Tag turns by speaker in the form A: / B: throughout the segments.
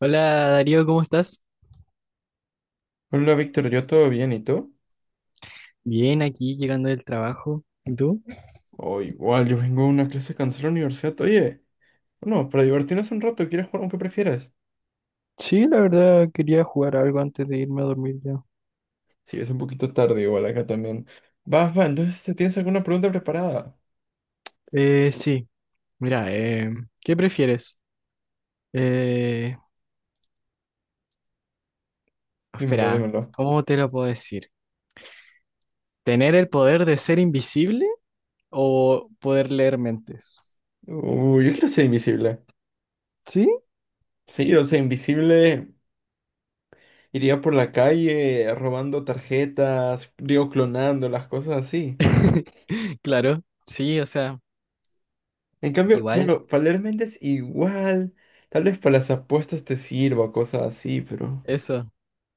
A: Hola Darío, ¿cómo estás?
B: Hola Víctor, ¿yo todo bien? ¿Y tú?
A: Bien, aquí llegando del trabajo. ¿Y tú?
B: Oh, igual, yo vengo a una clase cansada de la universidad. Oye, no, para divertirnos un rato, ¿quieres jugar aunque prefieras?
A: Sí, la verdad quería jugar algo antes de irme a dormir ya.
B: Sí, es un poquito tarde igual acá también. Va, entonces, ¿te ¿tienes alguna pregunta preparada?
A: Eh, sí, mira, ¿qué prefieres? Eh,
B: Dímelo,
A: espera,
B: dímelo.
A: ¿cómo te lo puedo decir? ¿Tener el poder de ser invisible o poder leer mentes?
B: Uy, yo quiero ser invisible.
A: ¿Sí?
B: Sí, o sea, invisible iría por la calle robando tarjetas, digo, clonando las cosas así.
A: Claro, sí, o sea,
B: En cambio,
A: igual,
B: claro, para leer mentes igual. Tal vez para las apuestas te sirva, cosas así, pero
A: eso.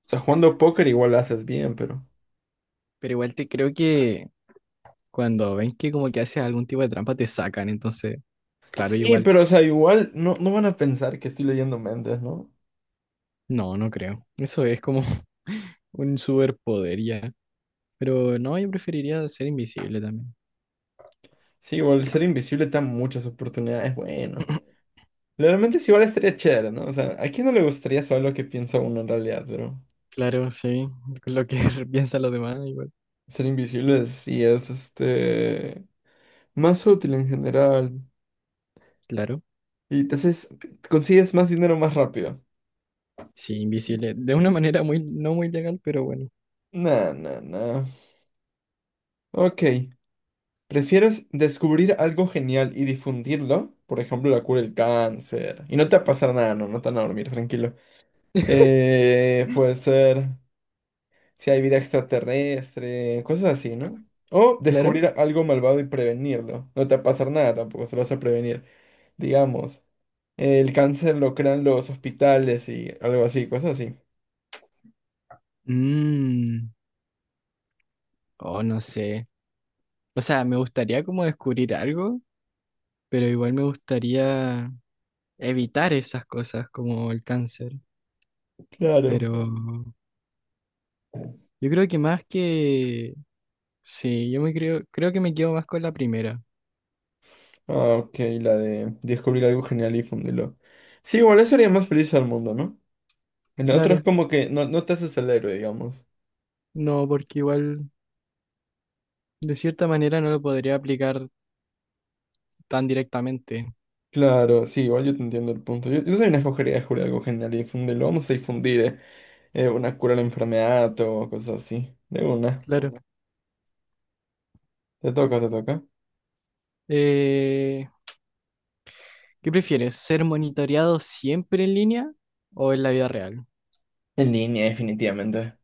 B: sea, jugando póker igual lo haces bien, pero
A: Pero igual te creo que cuando ven que como que haces algún tipo de trampa te sacan, entonces, claro,
B: sí,
A: igual.
B: pero o sea, igual no, no van a pensar que estoy leyendo mentes, ¿no?
A: No, no creo. Eso es como un superpoder ya. Pero no, yo preferiría ser invisible también.
B: Sí, igual ser invisible te da muchas oportunidades, bueno. Realmente sí, igual estaría chévere, ¿no? O sea, ¿a quién no le gustaría saber lo que piensa uno en realidad? Pero
A: Claro, sí. Lo que piensan los demás, igual.
B: ser invisible sí es, más útil en general.
A: Claro,
B: Y entonces consigues más dinero más rápido.
A: sí, invisible. De una manera muy, no muy legal, pero bueno.
B: Nah, nah, nah. Ok. ¿Prefieres descubrir algo genial y difundirlo? Por ejemplo, la cura del cáncer. Y no te va a pasar nada, no, no te van a dormir, tranquilo. Puede ser si hay vida extraterrestre, cosas así, ¿no? O
A: Claro.
B: descubrir algo malvado y prevenirlo. No te va a pasar nada tampoco, se lo vas a prevenir. Digamos, el cáncer lo crean los hospitales y algo así, cosas así.
A: Mmm. Oh, no sé. O sea, me gustaría como descubrir algo, pero igual me gustaría evitar esas cosas como el cáncer.
B: Claro.
A: Pero yo creo que más que... Sí, creo que me quedo más con la primera.
B: Ah, ok, la de descubrir algo genial y difundirlo. Sí, igual eso haría más feliz al mundo, ¿no? El otro es
A: Claro.
B: como que no, no te haces el héroe, digamos.
A: No, porque igual de cierta manera no lo podría aplicar tan directamente.
B: Claro, sí, igual yo te entiendo el punto. Yo también escogería descubrir algo genial y difundirlo. Vamos a difundir una cura a la enfermedad o cosas así. De una.
A: Claro.
B: Te toca.
A: Eh, ¿Qué prefieres? ¿Ser monitoreado siempre en línea o en la vida real?
B: En línea, definitivamente.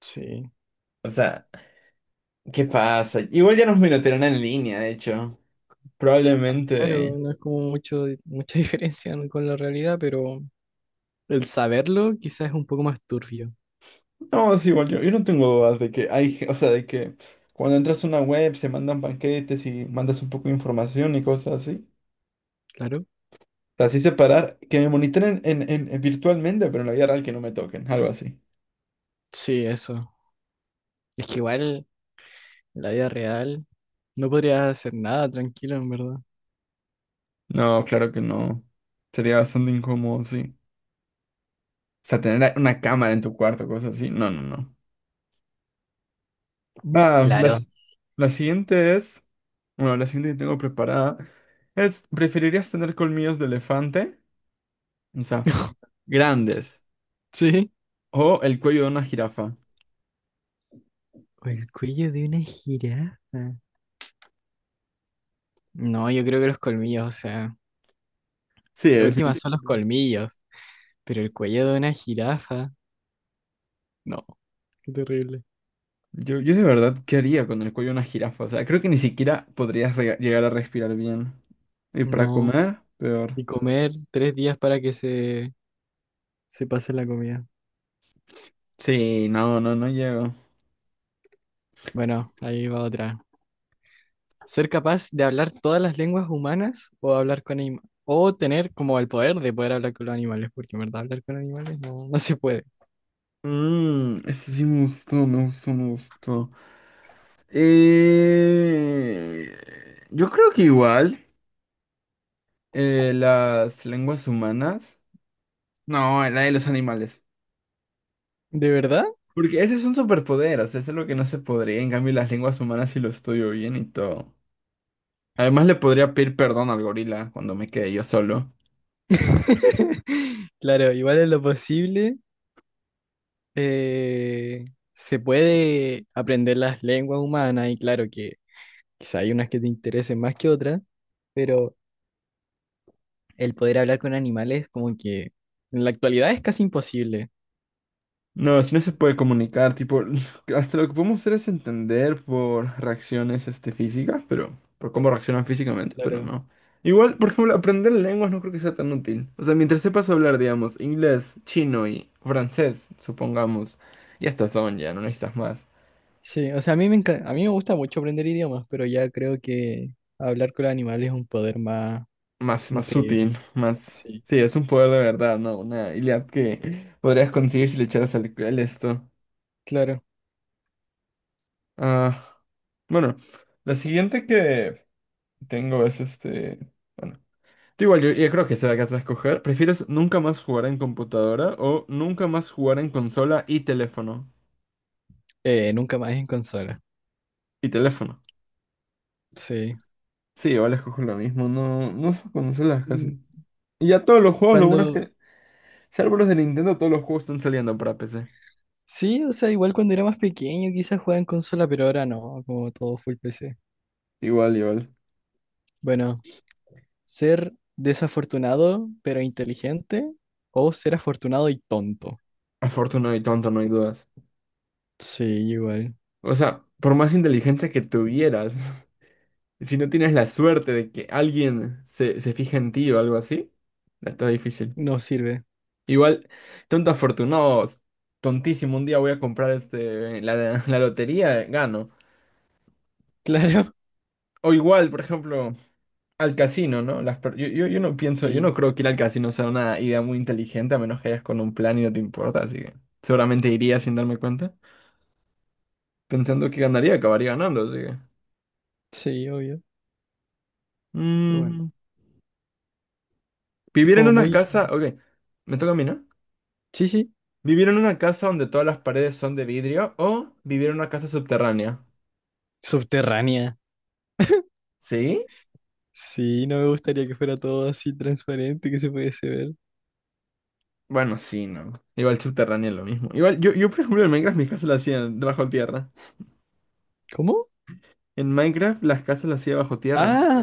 A: Sí.
B: O sea, ¿qué pasa? Igual ya nos minotearon en línea, de hecho.
A: Claro,
B: Probablemente.
A: no es como mucha diferencia, ¿no?, con la realidad, pero el saberlo quizás es un poco más turbio.
B: No, sí, igual yo no tengo dudas de que hay, o sea, de que cuando entras a una web se mandan paquetes y mandas un poco de información y cosas así.
A: Claro.
B: Así separar, que me monitoren virtualmente, pero en la vida real que no me toquen, algo así.
A: Sí, eso. Es que igual en la vida real no podrías hacer nada tranquilo, en verdad.
B: No, claro que no. Sería bastante incómodo, sí. O sea, tener una cámara en tu cuarto, cosas así. No, no, no. Va,
A: Claro.
B: las, la siguiente es, bueno, la siguiente que tengo preparada es, ¿preferirías tener colmillos de elefante? O sea, grandes.
A: Sí.
B: O el cuello de una jirafa.
A: O el cuello de una jirafa. No, yo creo que los colmillos, o sea.
B: Sí,
A: De última son los
B: definitivamente.
A: colmillos, pero el cuello de una jirafa, no, qué terrible.
B: Yo de verdad, ¿qué haría con el cuello de una jirafa? O sea, creo que ni siquiera podrías llegar a respirar bien. Y para
A: No,
B: comer, peor.
A: y comer tres días para que se pase la comida.
B: Sí, no, no, no llego.
A: Bueno, ahí va otra. Ser capaz de hablar todas las lenguas humanas o hablar con animales. O tener como el poder de poder hablar con los animales, porque en verdad hablar con animales no se puede.
B: Mmm, ese sí me gustó, me gustó. Eh, yo creo que igual las lenguas humanas. No, la de los animales.
A: ¿De verdad?
B: Porque ese es un superpoder, o sea, es algo que no se podría. En cambio, las lenguas humanas sí lo estudio bien y todo. Además, le podría pedir perdón al gorila cuando me quede yo solo.
A: Claro, igual es lo posible. eh, Se puede aprender las lenguas humanas y claro que quizá hay unas que te interesen más que otras, pero el poder hablar con animales como que en la actualidad es casi imposible.
B: No, si no se puede comunicar, tipo, hasta lo que podemos hacer es entender por reacciones este, físicas, pero por cómo reaccionan físicamente, pero
A: Claro.
B: no. Igual, por ejemplo, aprender lenguas no creo que sea tan útil. O sea, mientras sepas hablar, digamos, inglés, chino y francés, supongamos, ya estás on, ya no necesitas más.
A: Sí, o sea, a mí me gusta mucho aprender idiomas, pero ya creo que hablar con los animales es un poder más
B: Más, más
A: increíble.
B: útil, más
A: Sí,
B: sí, es un poder de verdad, no, una habilidad que podrías conseguir si le echaras al esto.
A: claro.
B: Ah, bueno, la siguiente que tengo es este bueno Tú Igual yo creo que se la vas a escoger. ¿Prefieres nunca más jugar en computadora o nunca más jugar en consola y teléfono?
A: Nunca más en consola.
B: Y teléfono.
A: Sí.
B: Sí, igual escojo lo mismo. No, no son consolas casi.
A: Mm,
B: Y ya todos los juegos, lo bueno es
A: cuando,
B: que, salvo los de Nintendo, todos los juegos están saliendo para PC.
A: sí, o sea, igual cuando era más pequeño quizás jugaba en consola, pero ahora no, como todo full PC.
B: Igual, igual.
A: Bueno. Ser desafortunado pero inteligente o ser afortunado y tonto.
B: Afortunado y tonto, no hay dudas.
A: Sí, igual.
B: O sea, por más inteligencia que tuvieras, si no tienes la suerte de que alguien se fije en ti o algo así, está difícil.
A: No sirve.
B: Igual, tonto afortunado, tontísimo, un día voy a comprar este, la lotería, gano.
A: Claro.
B: O igual, por ejemplo, al casino, ¿no? Yo no pienso, yo
A: Sí,
B: no creo que ir al casino sea una idea muy inteligente, a menos que vayas con un plan y no te importa, así que seguramente iría sin darme cuenta, pensando que ganaría, acabaría ganando, así que
A: sí, obvio. Pero bueno,
B: mm,
A: es
B: vivir en
A: como
B: una
A: muy...
B: casa, ok, me toca a mí, ¿no?
A: Sí, sí.
B: Vivir en una casa donde todas las paredes son de vidrio o vivir en una casa subterránea.
A: Subterránea.
B: ¿Sí?
A: Sí, no me gustaría que fuera todo así transparente que se pudiese ver.
B: Bueno, sí, no. Igual subterráneo es lo mismo. Igual, yo por ejemplo, en Minecraft mis casas las hacía bajo tierra.
A: ¿Cómo?
B: En Minecraft las casas las hacía bajo tierra.
A: Ah,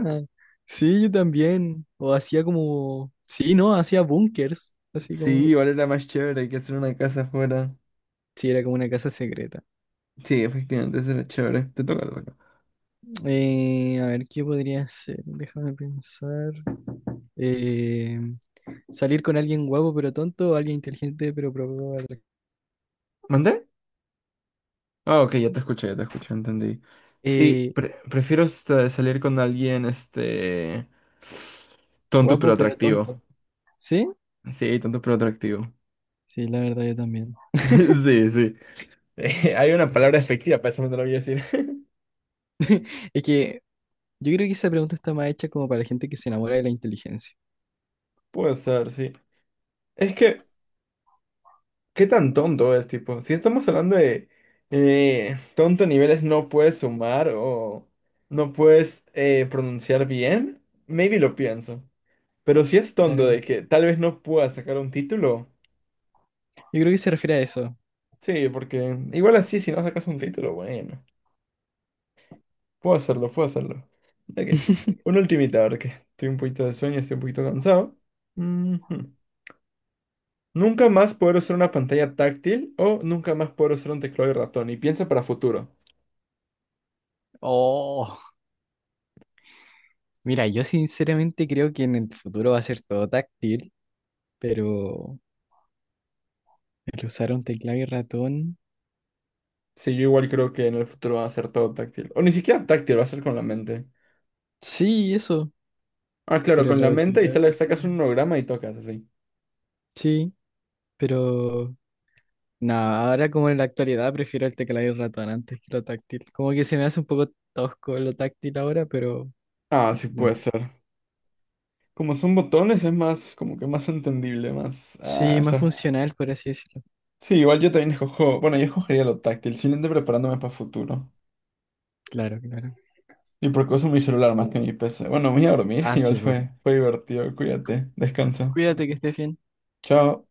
A: sí, yo también. O hacía como... Sí, no, hacía búnkers. Así
B: Sí,
A: como...
B: igual era más chévere que hacer una casa afuera.
A: Sí, era como una casa secreta.
B: Sí, efectivamente, eso era chévere. Te toca.
A: A ver, ¿qué podría ser? Déjame pensar. eh, Salir con alguien guapo pero tonto o alguien inteligente pero poco atractivo.
B: ¿Mandé? Ah, ok, ya te escuché, entendí. Sí,
A: Eh,
B: prefiero este, salir con alguien, este tonto pero
A: guapo pero
B: atractivo.
A: tonto. ¿Sí?
B: Sí, tonto pero atractivo.
A: Sí, la verdad yo también.
B: Sí, sí. Hay una palabra efectiva, para eso no te lo voy a decir.
A: Es que yo creo que esa pregunta está más hecha como para la gente que se enamora de la inteligencia.
B: Puede ser, sí. Es que ¿qué tan tonto es, tipo? Si estamos hablando de tonto a niveles no puedes sumar o no puedes pronunciar bien, maybe lo pienso. Pero si es tonto
A: Claro.
B: de que tal vez no puedas sacar un título,
A: Yo creo que se refiere a eso.
B: sí, porque igual así si no sacas un título, bueno, puedo hacerlo. Ok, una ultimita, ahora que estoy un poquito de sueño, estoy un poquito cansado. Ujú. Nunca más poder usar una pantalla táctil o nunca más poder usar un teclado y ratón. Y piensa para futuro.
A: Oh, mira, yo sinceramente creo que en el futuro va a ser todo táctil, pero el usar un teclado y ratón.
B: Sí, yo igual creo que en el futuro va a ser todo táctil. O ni siquiera táctil, va a ser con la mente.
A: Sí, eso.
B: Ah, claro,
A: Pero
B: con
A: lo
B: la
A: del
B: mente y
A: teclado y
B: sacas un
A: ratón.
B: holograma y tocas así.
A: Sí, pero no, ahora como en la actualidad prefiero el teclado y el ratón antes que lo táctil. Como que se me hace un poco tosco lo táctil ahora, pero
B: Ah, sí puede
A: bueno.
B: ser. Como son botones, es más, como que más entendible, más. Ah,
A: Sí, más
B: esa.
A: funcional, por así decirlo.
B: Sí, igual yo también escojo. Bueno, yo escogería lo táctil, simplemente preparándome para el futuro.
A: Claro, claro.
B: Y porque uso mi celular más que mi PC. Bueno, me voy a dormir,
A: Ah, sí,
B: igual
A: pues.
B: fue divertido. Cuídate, descansa.
A: Cuídate, que estés bien.
B: Chao.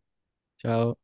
A: Chao.